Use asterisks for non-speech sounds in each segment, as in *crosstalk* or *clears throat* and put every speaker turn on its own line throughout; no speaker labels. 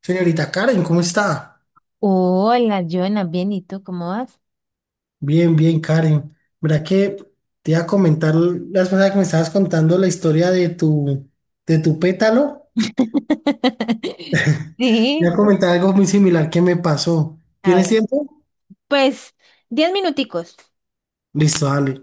Señorita Karen, ¿cómo está?
Hola, Joana, bien, ¿y tú cómo vas?
Bien, bien, Karen. Verá que te iba a comentar la vez pasada que me estabas contando la historia de tu pétalo.
*laughs*
Te iba
Sí,
a comentar algo muy similar que me pasó.
a
¿Tienes
ver,
tiempo?
pues, 10 minuticos.
Listo, dale.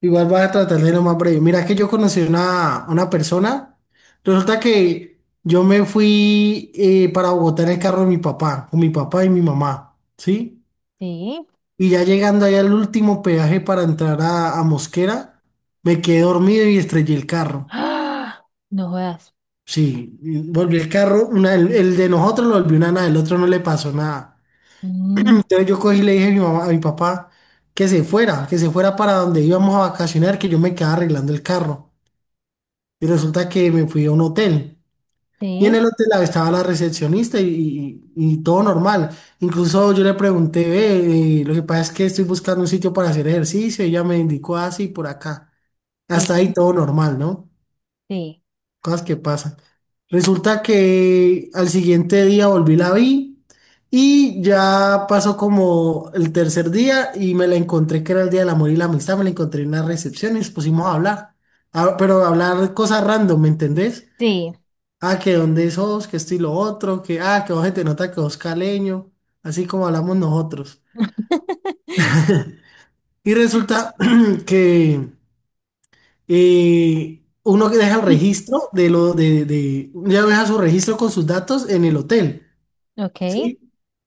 Igual vas a tratar de lo más breve. Mira que yo conocí una persona. Resulta que yo me fui para Bogotá en el carro de mi papá, con mi papá y mi mamá, ¿sí?
Sí. *gasps*
Y ya llegando ahí al último peaje para entrar a Mosquera, me quedé dormido y estrellé el carro.
¡Ah! No jodas.
Sí, y volví el carro, el de nosotros lo volvió una nada, el otro no le pasó nada.
No.
Entonces yo cogí y le dije a mi mamá, a mi papá que se fuera para donde íbamos a vacacionar, que yo me quedaba arreglando el carro. Y resulta que me fui a un hotel. Y en
Sí,
el hotel estaba la recepcionista y todo normal. Incluso yo le pregunté, "Ve, lo que pasa es que estoy buscando un sitio para hacer ejercicio". Ella me indicó así por acá. Hasta
sí,
ahí todo normal, ¿no?
sí,
Cosas que pasan. Resulta que al siguiente día volví, la vi, y ya pasó como el tercer día y me la encontré, que era el día del amor y la amistad. Me la encontré en una recepción y nos pusimos a hablar. Ah, pero a hablar cosas random, ¿me entendés?
sí.
Ah, que dónde sos, que esto y lo otro, que que vos, se te nota que vos caleño, así como hablamos nosotros.
*laughs*
Y resulta *clears throat* que uno que deja el registro de ella deja su registro con sus datos en el hotel,
Ok,
¿sí?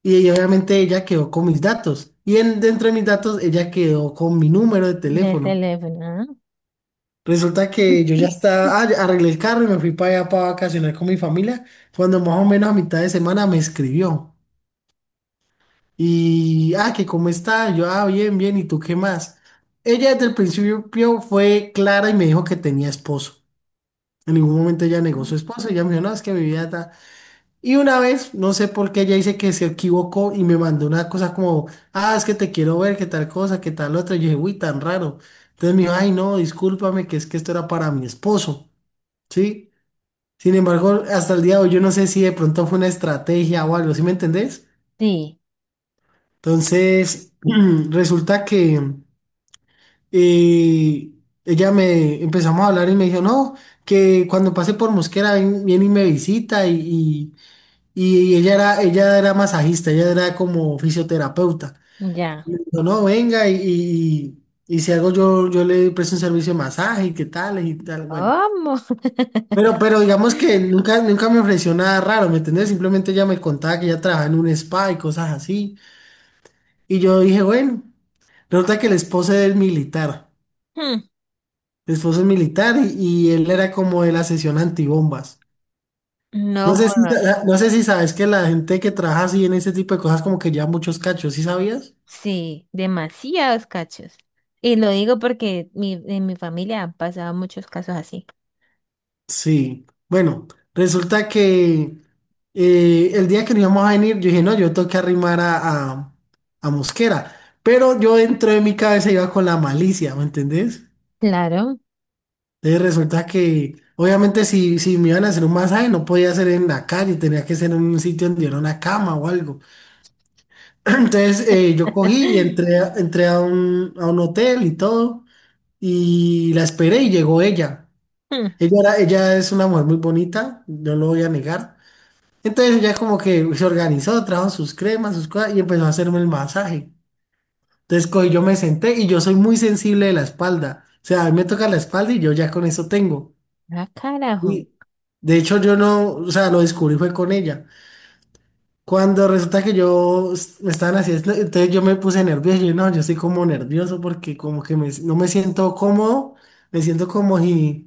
Y ella, obviamente ella quedó con mis datos. Y dentro de mis datos ella quedó con mi número de
del
teléfono.
teléfono.
Resulta que yo ya
*laughs*
estaba, ya arreglé el carro y me fui para allá para vacacionar con mi familia. Cuando más o menos a mitad de semana me escribió. Y, que cómo está, yo, bien, bien, ¿y tú qué más? Ella desde el principio fue clara y me dijo que tenía esposo. En ningún momento ella negó su esposo. Ella me dijo, "no, es que mi vida ta". Y una vez, no sé por qué, ella dice que se equivocó y me mandó una cosa como, es que te quiero ver, qué tal cosa, qué tal otra. Y yo dije, uy, tan raro. Entonces me dijo, ay, no, discúlpame, que es que esto era para mi esposo, ¿sí? Sin embargo, hasta el día de hoy, yo no sé si de pronto fue una estrategia o algo, ¿sí me entendés?
Sí,
Entonces, *clears throat* resulta que eh, ella me empezamos a hablar y me dijo, no, que cuando pase por Mosquera viene y me visita y. Y ella era masajista, ella era como fisioterapeuta.
ya.
No, no, venga y, y si algo yo, yo le presto un servicio de masaje y qué tal y tal, bueno.
¿Cómo?
Pero digamos que nunca, nunca me ofreció nada raro, ¿me entendés? Simplemente ella me contaba que ella trabajaba en un spa y cosas así. Y yo dije, bueno, resulta que el esposo es militar,
Hmm, *laughs*
el esposo es militar, y él era como de la sesión antibombas.
No
No sé si,
jodas.
no sé si sabes que la gente que trabaja así en ese tipo de cosas como que lleva muchos cachos, ¿sí sabías?
Sí, demasiados cachos. Y lo digo porque en mi familia han pasado muchos casos así.
Sí, bueno, resulta que el día que nos íbamos a venir, yo dije, no, yo tengo que arrimar a Mosquera, pero yo dentro de mi cabeza iba con la malicia, ¿me entendés?
Claro.
Entonces resulta que, obviamente, si me iban a hacer un masaje, no podía ser en la calle, tenía que ser en un sitio donde era una cama o algo. *clears throat* Entonces yo cogí y
*laughs*
entré, entré a un, hotel y todo, y la esperé y llegó ella.
Hmm,
Ella es una mujer muy bonita, no lo voy a negar. Entonces, ya como que se organizó, trajo sus cremas, sus cosas y empezó a hacerme el masaje. Entonces cogí, yo me senté, y yo soy muy sensible de la espalda. O sea, a mí me toca la espalda y yo ya con eso tengo.
ah, carajo.
Y de hecho yo no, o sea, lo descubrí fue con ella. Cuando resulta que me estaban haciendo, entonces yo me puse nervioso. Yo no, yo estoy como nervioso porque como que no me siento cómodo, me siento como si,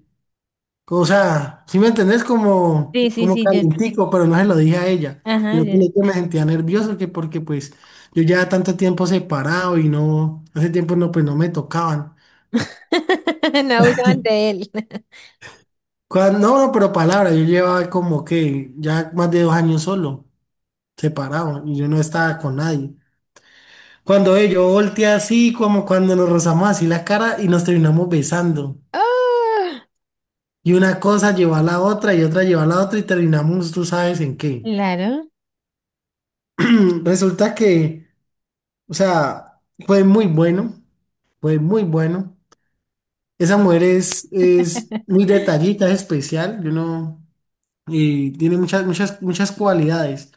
o sea, si me entendés, como,
Sí, sí,
como
sí, ya
calientico, pero no se lo dije a ella,
Ajá,
sino que
ya.
yo me sentía nervioso, que porque pues yo ya tanto tiempo separado y no, hace tiempo no, pues no me tocaban.
*laughs* No abusaban de él. *laughs*
No, no, pero palabra, yo llevaba como que ya más de 2 años solo, separado, y yo no estaba con nadie. Cuando yo volteé así, como cuando nos rozamos así la cara y nos terminamos besando.
Ah,
Y una cosa llevó a la otra y otra llevó a la otra y terminamos, tú sabes en qué.
claro.
*clears throat* Resulta que, o sea, fue muy bueno, fue muy bueno. Esa mujer es muy
*laughs*
detallita, es especial, yo no, y tiene muchas, muchas, muchas cualidades.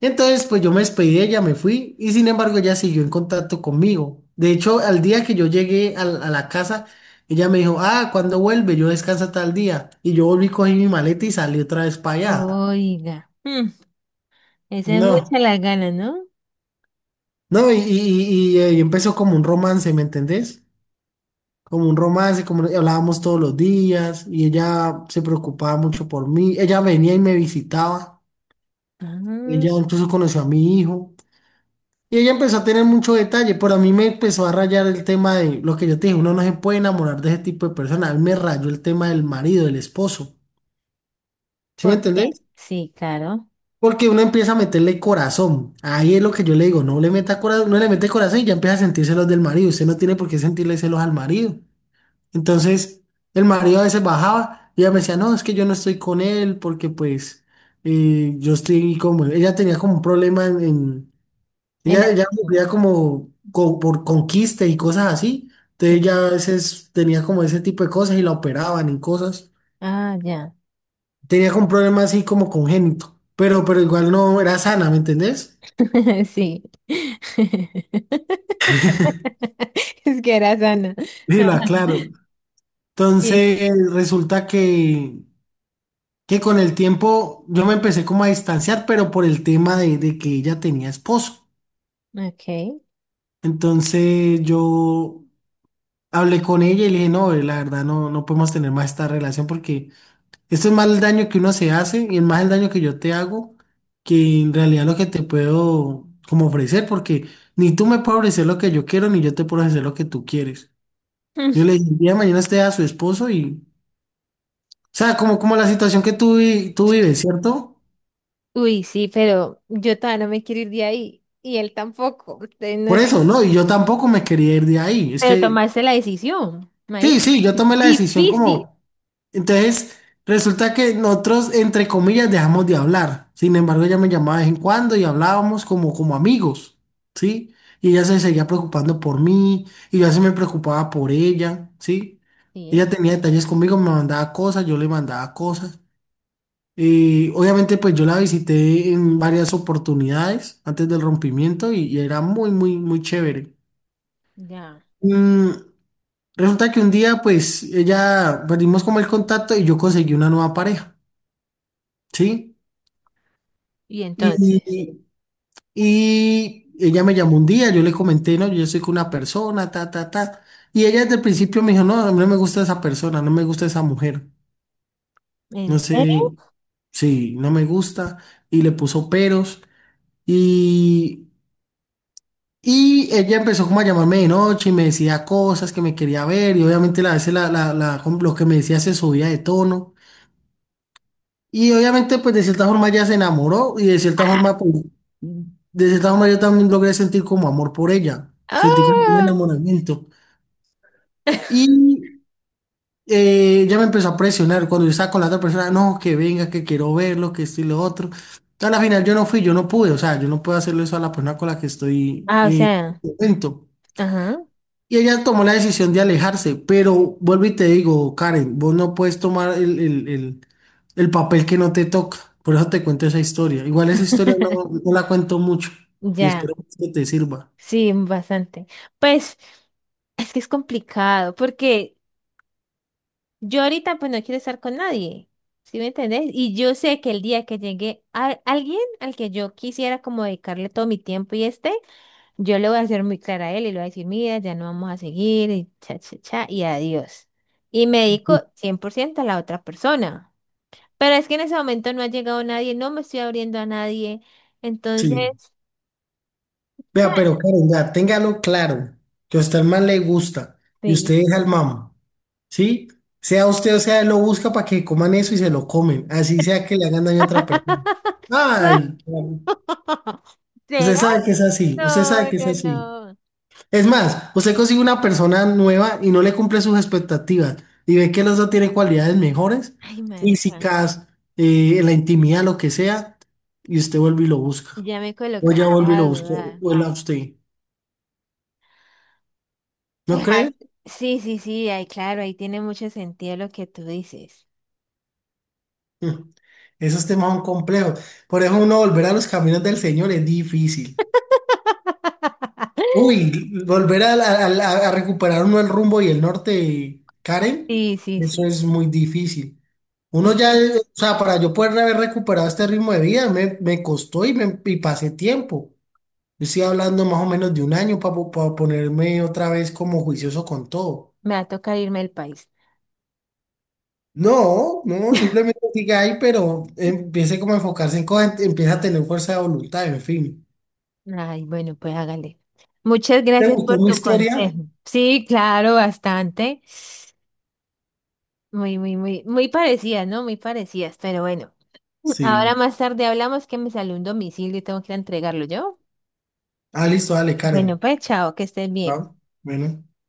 Entonces, pues yo me despedí de ella, me fui, y sin embargo ella siguió en contacto conmigo. De hecho, al día que yo llegué a la casa, ella me dijo, ¿cuándo vuelve? Yo descansa tal día. Y yo volví, cogí mi maleta y salí otra vez para allá.
Oiga. Hmm, esa es mucha
No,
la gana, ¿no?
no, y, y empezó como un romance, ¿me entendés? Como un romance, como hablábamos todos los días y ella se preocupaba mucho por mí. Ella venía y me visitaba. Ella
Ah,
incluso conoció a mi hijo, y ella empezó a tener mucho detalle, pero a mí me empezó a rayar el tema de lo que yo te dije, uno no se puede enamorar de ese tipo de personas. A mí me rayó el tema del marido, del esposo. ¿Sí me
¿por qué?
entendés?
Sí, claro.
Porque uno empieza a meterle corazón. Ahí es lo que yo le digo, no le meta corazón, no le mete corazón y ya empieza a sentir celos del marido. Usted no tiene por qué sentirle celos al marido. Entonces, el marido a veces bajaba y ella me decía, no, es que yo no estoy con él porque pues yo estoy como, ella tenía como un problema en,
En
ella
el-
sufría como por conquista y cosas así.
*laughs*
Entonces
sí.
ella a veces tenía como ese tipo de cosas y la operaban y cosas.
Ah, ya.
Tenía como un problema así como congénito, pero igual no era sana, ¿me entendés?
*laughs* Sí. *laughs* Es que era sana.
Sí lo aclaro.
Sí.
Entonces, resulta que con el tiempo yo me empecé como a distanciar, pero por el tema de que ella tenía esposo.
Ok. *laughs*
Entonces yo hablé con ella y le dije, no, la verdad no, no podemos tener más esta relación, porque esto es más el daño que uno se hace y es más el daño que yo te hago que en realidad lo que te puedo como ofrecer, porque ni tú me puedes ofrecer lo que yo quiero, ni yo te puedo ofrecer lo que tú quieres. Yo
Mm.
le dije, el día de mañana esté a su esposo y, o sea, como, como la situación que tú, tú vives, ¿cierto?
Uy, sí, pero yo todavía no me quiero ir de ahí. Y él tampoco.
Por
Entonces, no.
eso, no, y yo tampoco me quería ir de ahí. Es
Pero
que,
tomaste la decisión,
sí,
marica.
sí, yo tomé la decisión
Difícil.
como, entonces, resulta que nosotros, entre comillas, dejamos de hablar. Sin embargo, ella me llamaba de vez en cuando y hablábamos como, como amigos, ¿sí? Y ella se seguía preocupando por mí, y yo así me preocupaba por ella, ¿sí? Ella
Sí,
tenía detalles conmigo, me mandaba cosas, yo le mandaba cosas. Y obviamente, pues yo la visité en varias oportunidades antes del rompimiento, y era muy, muy, muy chévere.
ya.
Mm, Resulta que un día, pues, ella, perdimos como el contacto y yo conseguí una nueva pareja, ¿sí?
Y
Y,
entonces,
y- Ella me llamó un día, yo le comenté, no, yo soy con una persona, ta, ta, ta. Y ella desde el principio me dijo, no, a mí no me gusta esa persona, no me gusta esa mujer. No
¿en serio?
sé, sí, no me gusta. Y le puso peros. Y, y ella empezó como a llamarme de noche y me decía cosas que me quería ver. Y obviamente a veces lo que me decía se subía de tono. Y obviamente, pues de cierta forma ella se enamoró y de cierta
¡Ah!
forma, pues, de cierta forma yo también logré sentir como amor por ella, sentí como un enamoramiento.
*laughs*
Y ella me empezó a presionar cuando yo estaba con la otra persona, no, que venga, que quiero verlo, que esto y lo otro. A la final yo no fui, yo no pude, o sea, yo no puedo hacerle eso a la persona con la que estoy,
Ah, o sea,
contento.
ajá.
Y ella tomó la decisión de alejarse, pero vuelvo y te digo, Karen, vos no puedes tomar el, el papel que no te toca. Por eso te cuento esa historia. Igual esa historia no,
*laughs*
no la cuento mucho, y
Ya,
espero que te sirva.
sí, bastante. Pues es que es complicado, porque yo ahorita pues no quiero estar con nadie, ¿sí me entendés? Y yo sé que el día que llegue a alguien al que yo quisiera como dedicarle todo mi tiempo y este, yo le voy a ser muy clara a él y le voy a decir, mira, ya no vamos a seguir, y cha, cha, cha, y adiós. Y me dedico 100% a la otra persona. Pero es que en ese momento no ha llegado nadie, no me estoy abriendo a nadie.
Sí.
Entonces, cha,
Vea, pero Karen, vea, téngalo claro, que a usted el man le gusta y usted
sí.
deja al mam, ¿sí? Sea usted o sea, él lo busca para que coman eso y se lo comen, así sea que le hagan daño a otra persona.
*laughs*
Ay, Karen, usted
¿Será?
sabe que es así, usted sabe
No,
que es
no,
así.
no.
Es más, usted consigue una persona nueva y no le cumple sus expectativas, y ve que el otro tiene cualidades mejores,
Ay, marica,
físicas, en la intimidad, lo que sea, y usted vuelve y lo busca.
ya me
O ya
colocaste
vuelve y
a
lo busca,
dudar.
o él a usted. ¿No
Pues ay,
cree?
sí, ay, claro, ahí tiene mucho sentido lo que tú dices.
Mm, Esos temas son complejos. Por eso, uno volver a los caminos del Señor es difícil. Uy, volver a recuperar uno el rumbo y el norte, Karen,
Sí, sí,
eso
sí.
es muy difícil. Uno ya,
Eh,
o sea, para yo poder haber recuperado este ritmo de vida, me, costó y pasé tiempo. Yo estoy hablando más o menos de un año para ponerme otra vez como juicioso con todo.
me va a tocar irme del país.
No, no, simplemente siga ahí, pero empiece como a enfocarse en cosas, empieza a tener fuerza de voluntad, en fin.
Ay, bueno, pues hágale. Muchas
¿Te
gracias por
gustó mi
tu
historia?
consejo. Sí, claro, bastante. Muy, muy, muy, muy parecidas, ¿no? Muy parecidas, pero bueno. Ahora
Sí.
más tarde hablamos que me salió un domicilio y tengo que ir a entregarlo yo.
Ah, listo, dale,
Bueno,
Karen.
pues chao, que estés bien.
Ah, bueno.